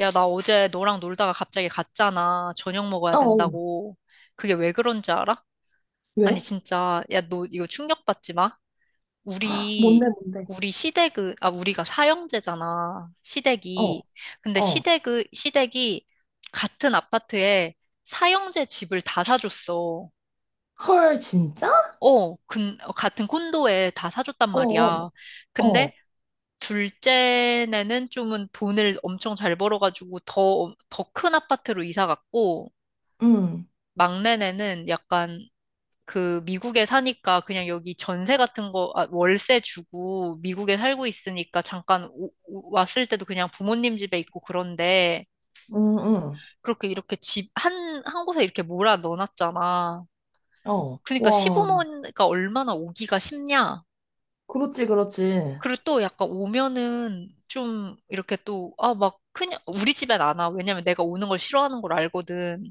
야, 나 어제 너랑 놀다가 갑자기 갔잖아. 저녁 먹어야 어, 어. 된다고. 그게 왜 그런지 알아? 아니, 왜? 진짜. 야, 너 이거 충격받지 마. 헉, 뭔데, 우리, 뭔데? 우리 시댁은, 아, 우리가 사형제잖아. 어, 시댁이. 근데 어. 시댁이 같은 아파트에 사형제 집을 다 사줬어. 헐, 진짜? 어, 같은 콘도에 다 사줬단 어, 어, 말이야. 어. 근데 둘째는 좀은 돈을 엄청 잘 벌어가지고 더 큰 아파트로 이사 갔고, 응, 막내네는 약간 그 미국에 사니까 그냥 여기 전세 같은 거, 아, 월세 주고 미국에 살고 있으니까 잠깐 왔을 때도 그냥 부모님 집에 있고 그런데 응, 응. 그렇게 이렇게 한 곳에 이렇게 몰아 넣어놨잖아. 어. 그러니까 와, 시부모가 얼마나 오기가 쉽냐. 그렇지, 그렇지. 그리고 또 약간 오면은 좀 이렇게 막 그냥, 우리 집엔 안 와. 왜냐면 내가 오는 걸 싫어하는 걸 알거든.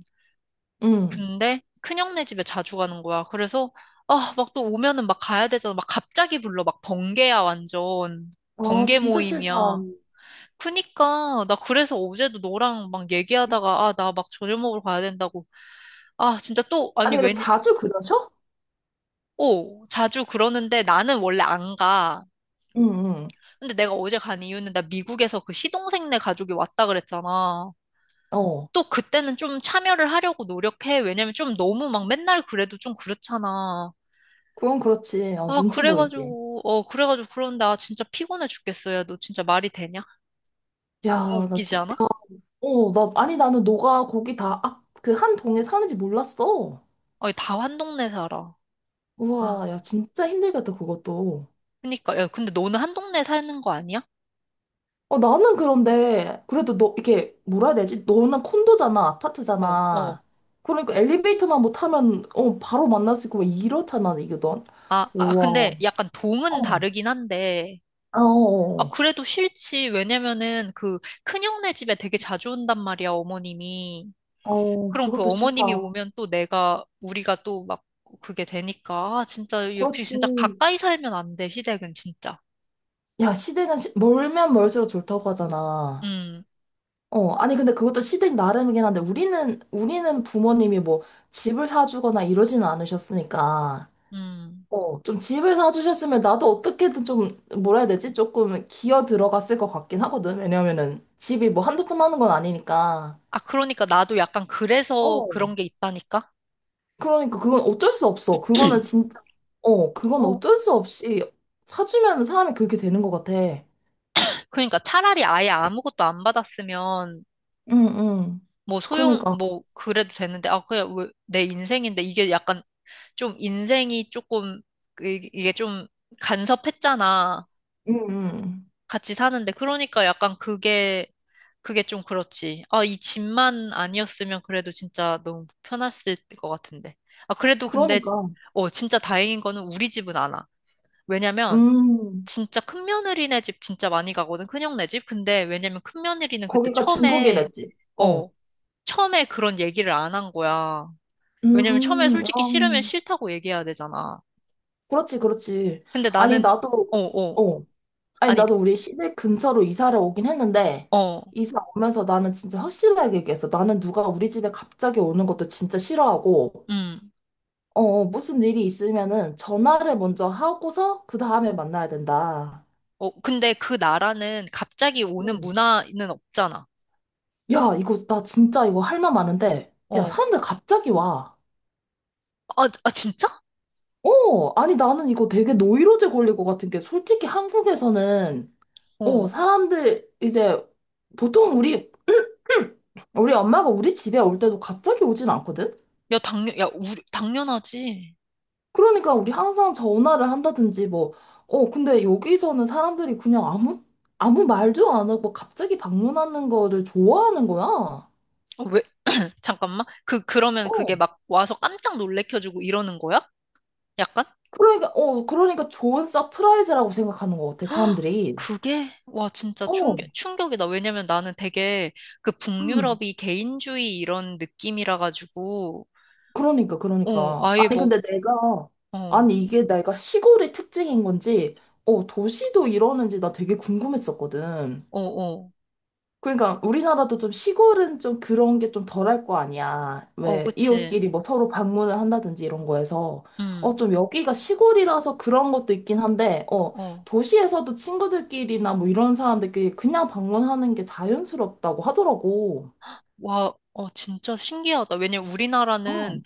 응. 근데 큰형네 집에 자주 가는 거야. 그래서 아, 막 또 오면은 막 가야 되잖아. 막 갑자기 불러. 막 번개야, 완전. 아, 번개 진짜 싫다. 모임이야. 그니까 나 그래서 어제도 너랑 막 얘기하다가 아, 나 막 저녁 먹으러 가야 된다고. 아, 진짜 또 아니 아니, 근데 왠 자주 그러셔? 오, 자주 그러는데 나는 원래 안 가. 응, 응. 근데 내가 어제 간 이유는 나 미국에서 그 시동생네 가족이 왔다 그랬잖아. 어. 또 그때는 좀 참여를 하려고 노력해. 왜냐면 좀 너무 막 맨날 그래도 좀 그렇잖아. 그건 그렇지. 아, 눈치 보이지. 그래가지고 그런데 아, 진짜 피곤해 죽겠어. 야, 너 진짜 말이 되냐? 너무 야, 나 웃기지 진짜. 않아? 아니, 나는 너가 거기 다, 그 한 동에 사는지 몰랐어. 아니, 다 한 동네 살아. 아, 우와, 야, 진짜 힘들겠다, 그것도. 그니까. 야, 근데 너는 한 동네 사는 거 아니야? 나는 그런데, 그래도 너, 이게, 뭐라 해야 되지? 너는 콘도잖아, 어, 어. 아파트잖아. 그러니까 엘리베이터만 못 타면, 바로 만날 수 있고, 막 이렇잖아, 이게 넌. 우와. 근데 약간 동은 어, 다르긴 한데. 아, 아, 어, 그래도 싫지. 왜냐면은 그 큰형네 집에 되게 자주 온단 말이야, 어머님이. 어, 어, 그럼 그 그것도 싫다. 어머님이 오면 또 내가, 우리가 또 막 그게 되니까. 아, 진짜, 역시 진짜 그렇지. 가까이 살면 안 돼, 시댁은 진짜. 야, 시댁은 멀면 멀수록 좋다고 하잖아. 음, 아니, 근데 그것도 시댁 나름이긴 한데, 우리는, 우리는 부모님이 뭐, 집을 사주거나 이러지는 않으셨으니까. 음. 좀 집을 사주셨으면 나도 어떻게든 좀, 뭐라 해야 되지? 조금 기어 들어갔을 것 같긴 하거든. 왜냐면은 집이 뭐 한두 푼 하는 건 아니니까. 아, 그러니까 나도 약간 그래서 어, 그런 게 있다니까? 그러니까 그건 어쩔 수 없어. 그거는 진짜, 그건 어. 어쩔 수 없이 사주면 사람이 그렇게 되는 것 같아. 응, 그러니까 차라리 아예 아무것도 안 받았으면 응. 뭐 소용, 그러니까, 뭐 그래도 되는데, 아, 그냥 왜, 내 인생인데 이게 약간 좀 인생이 조금, 이게 좀 간섭했잖아. 응, 응. 같이 사는데. 그러니까 약간 그게 좀 그렇지. 아, 이 집만 아니었으면 그래도 진짜 너무 편했을 것 같은데. 아, 그래도 근데, 그러니까, 어, 진짜 다행인 거는 우리 집은 안 와. 왜냐면, 음, 진짜 큰 며느리네 집 진짜 많이 가거든, 큰형네 집. 근데 왜냐면 큰 며느리는 그때 거기가 처음에, 중국이랬지. 어, 어, 처음에 그런 얘기를 안 한 거야. 왜냐면 처음에 음, 솔직히 싫으면 음, 싫다고 얘기해야 되잖아. 그렇지, 그렇지. 근데 아니, 나는, 나도, 어, 어, 어. 아니, 아니, 나도 우리 시댁 근처로 이사를 오긴 했는데, 어, 이사 오면서 나는 진짜 확실하게 얘기했어. 나는 누가 우리 집에 갑자기 오는 것도 진짜 싫어하고, 음, 무슨 일이 있으면은 전화를 먼저 하고서 그 다음에 만나야 된다. 어, 근데 그 나라는 갑자기 오는 응. 문화는 없잖아. 야, 이거, 나 진짜 이거 할 말 많은데, 야, 어, 사람들 갑자기 와. 아, 아, 진짜? 아니, 나는 이거 되게 노이로제 걸릴 것 같은 게, 솔직히 한국에서는, 어, 사람들, 이제, 보통 우리 엄마가 우리 집에 올 때도 갑자기 오진 않거든? 야, 당연, 야, 우리, 당연하지. 그러니까 우리 항상 전화를 한다든지 뭐, 근데 여기서는 사람들이 그냥 아무 말도 안 하고 갑자기 방문하는 거를 좋아하는 거야. 어, 왜, 잠깐만. 그러면 그게 어, 막 와서 깜짝 놀래켜주고 이러는 거야? 약간? 그러니까, 그러니까 좋은 서프라이즈라고 생각하는 것 같아, 헉, 사람들이. 그게? 와, 진짜 어, 충격이다. 왜냐면 나는 되게 그 음, 북유럽이 개인주의 이런 느낌이라 가지고, 그러니까, 어, 그러니까. 아예 아니, 뭐, 근데 내가, 어, 아니, 이게 내가 시골의 특징인 건지, 도시도 이러는지 나 되게 궁금했었거든. 어, 어, 그러니까 우리나라도 좀 시골은 좀 그런 게 좀 덜할 거 아니야. 어, 왜 그치. 이웃끼리 뭐 서로 방문을 한다든지 이런 거에서 음, 좀 여기가 시골이라서 그런 것도 있긴 한데 어, 도시에서도 친구들끼리나 뭐 이런 사람들끼리 그냥 방문하는 게 자연스럽다고 하더라고. 와, 어, 진짜 신기하다. 왜냐면 우리나라는, 어,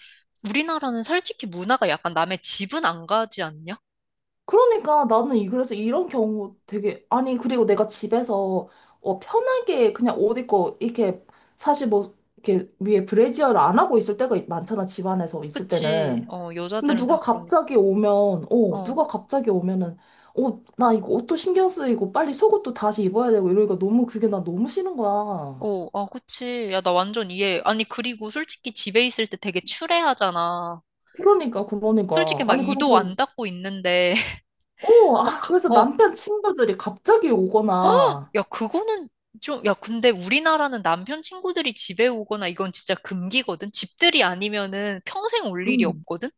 우리나라는 솔직히 문화가 약간 남의 집은 안 가지 않냐? 그러니까 나는 이 그래서 이런 경우 되게 아니 그리고 내가 집에서 편하게 그냥 옷 입고 이렇게 사실 뭐 이렇게 위에 브래지어를 안 하고 있을 때가 많잖아 집안에서 있을 그치. 때는. 어, 근데 여자들은 누가 다 그러니까. 갑자기 오면, 어. 누가 갑자기 오면은, 나 이거 옷도 신경 쓰이고 빨리 속옷도 다시 입어야 되고 이러니까 너무 그게 나 너무 싫은 거야. 어, 아, 그치. 야, 나 완전 이해. 아니, 그리고 솔직히 집에 있을 때 되게 추레하잖아. 그러니까, 솔직히 그러니까. 막 아니, 이도 그래서, 안 닦고 있는데, 막, 그- 그래서 어, 남편 친구들이 갑자기 헉! 오거나, 야, 그거는 좀, 야, 근데 우리나라는 남편 친구들이 집에 오거나 이건 진짜 금기거든? 집들이 아니면은 평생 올 일이 음. 없거든?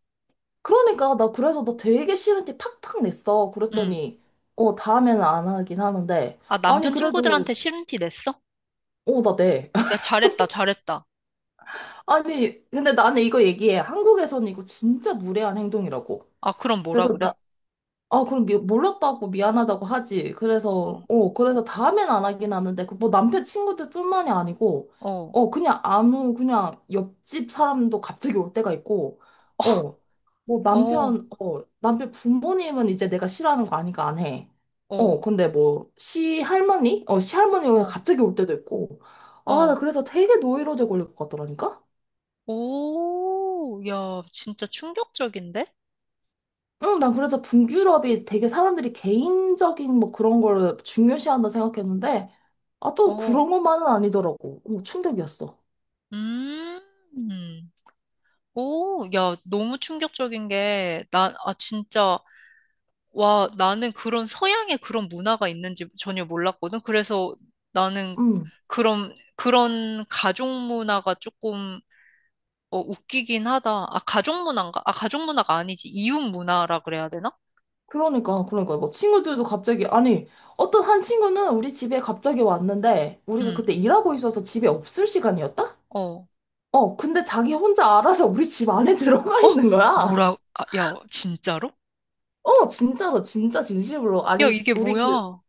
그러니까 나 그래서 나 되게 싫은 티 팍팍 냈어. 응. 그랬더니, 다음에는 안 하긴 하는데, 아, 아니, 남편 그래도, 친구들한테 싫은 티 냈어? 나 내. 야, 잘했다, 잘했다. 아니, 근데 나는 이거 얘기해. 한국에서는 이거 진짜 무례한 행동이라고. 아, 그럼 뭐라 그래서 그래? 나, 그럼 몰랐다고 미안하다고 하지. 그래서, 어, 그래서 다음엔 안 하긴 하는데, 그 뭐 남편 친구들뿐만이 아니고, 어, 그냥 그냥 옆집 사람도 갑자기 올 때가 있고, 어, 뭐 어, 남편 부모님은 이제 내가 싫어하는 거 아니까 안 해. 어, 근데 뭐, 시할머니? 시할머니가 어, 갑자기 올 때도 있고, 아, 나 어. 그래서 되게 노이로제 걸릴 것 같더라니까? 오, 야, 진짜 충격적인데? 응, 난 그래서 분유럽이 되게 사람들이 개인적인 뭐 그런 걸 중요시한다 생각했는데, 아, 또 어, 그런 것만은 아니더라고. 충격이었어. 음. 오, 야, 너무 충격적인 게, 나, 아, 진짜, 와, 나는 그런 서양의 그런 문화가 있는지 전혀 몰랐거든. 그래서 나는 응. 그런 가족 문화가 조금, 어, 웃기긴 하다. 아, 가족 문화인가? 아, 가족 문화가 아니지. 이웃 문화라 그래야 되나? 그러니까, 그러니까. 뭐 친구들도 갑자기, 아니, 어떤 한 친구는 우리 집에 갑자기 왔는데, 우리가 그때 음, 일하고 있어서 집에 없을 시간이었다? 어. 근데 자기 혼자 알아서 우리 집 안에 들어가 어? 있는 거야. 뭐라, 아, 야, 진짜로? 진짜로, 진짜 진심으로. 야, 아니, 이게 뭐야?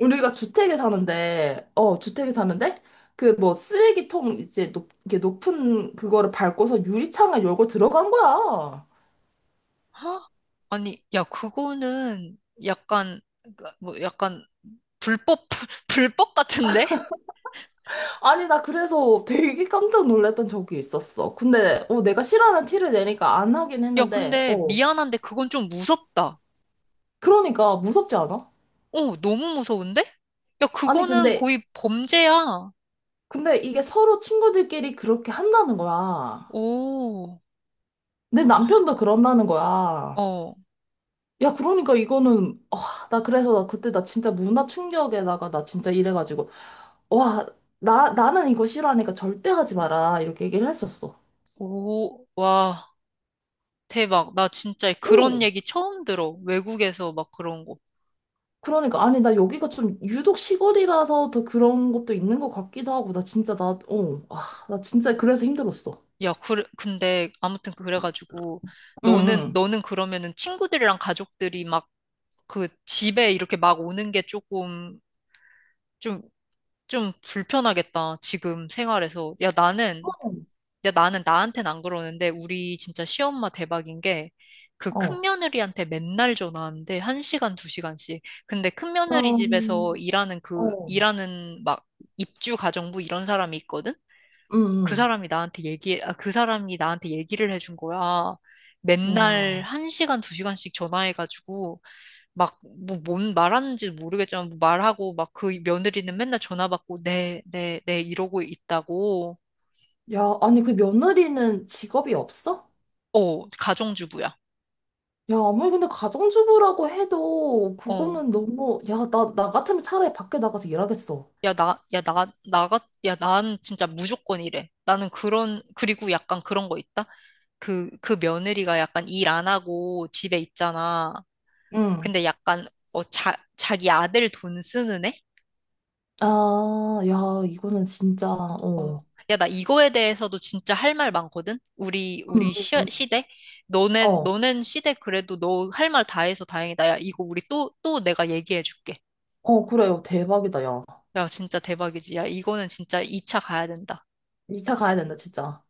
우리가 주택에 사는데, 그 뭐 쓰레기통 이제 이게 높은 그거를 밟고서 유리창을 열고 들어간 거야. 헉? 아니, 야, 그거는 약간, 그, 뭐, 약간, 불법, 불법 같은데? 아니, 나 그래서 되게 깜짝 놀랐던 적이 있었어. 근데, 내가 싫어하는 티를 내니까 안 하긴 야, 했는데, 근데 미안한데 그건 좀 무섭다. 그러니까 무섭지 않아? 어, 너무 무서운데? 야, 아니, 그거는 근데, 거의 범죄야. 근데 이게 서로 친구들끼리 그렇게 한다는 거야. 오, 내 남편도 그런다는 거야. 어, 야, 그러니까 이거는, 아, 나 그래서 나 그때 나 진짜 문화 충격에다가 나 진짜 이래가지고. 와, 나는 이거 싫어하니까 절대 하지 마라. 이렇게 얘기를 했었어. 오, 와, 대박. 나 진짜 오, 그런 얘기 처음 들어. 외국에서 막 그런 거. 그러니까, 아니, 나 여기가 좀 유독 시골이라서 더 그런 것도 있는 것 같기도 하고, 나 진짜, 아, 나 진짜 그래서 힘들었어. 야, 그래, 근데 아무튼 그래가지고 응, 너는, 응, 너는 그러면은 친구들이랑 가족들이 막 그 집에 이렇게 막 오는 게 조금 좀, 좀 불편하겠다. 지금 생활에서. 야, 나는 이제 나는 나한텐 안 그러는데 우리 진짜 시엄마 대박인 게 그 어. 큰며느리한테 맨날 전화하는데 한시간두시간씩 근데 큰며느리 어, 집에서 일하는 그 어. 일하는 막 입주 가정부 이런 사람이 있거든? 그 응, 사람이 나한테 얘기 아, 그 사람이 나한테 얘기를 해준 거야. 응. 맨날 와, 한시간두시간씩 전화해가지고 막 뭐 뭔 말하는지 모르겠지만 뭐 말하고 막 그 며느리는 맨날 전화 받고 네, 네, 네 이러고 있다고. 야, 아니, 그 며느리는 직업이 없어? 어, 가정주부야. 야, 아무리 근데 가정주부라고 해도, 어. 그거는 너무, 야, 나 같으면 차라리 밖에 나가서 일하겠어. 야, 야, 난 진짜 무조건 이래. 나는 그런, 그리고 약간 그런 거 있다? 그 며느리가 약간 일 안 하고 집에 있잖아. 응 근데 약간, 어, 자기 아들 돈 쓰는 애? 아, 야, 이거는 진짜, 어. 어. 야, 나 이거에 대해서도 진짜 할 말 많거든? 우리, 응, 우리 응, 시, 응. 시대? 너넨, 어, 너넨 시대 그래도 너 할 말 다 해서 다행이다. 야, 이거 우리 또 내가 얘기해 줄게. 어, 그래요. 대박이다, 야. 야, 진짜 대박이지. 야, 이거는 진짜 2차 가야 된다. 이차 가야 된다, 진짜.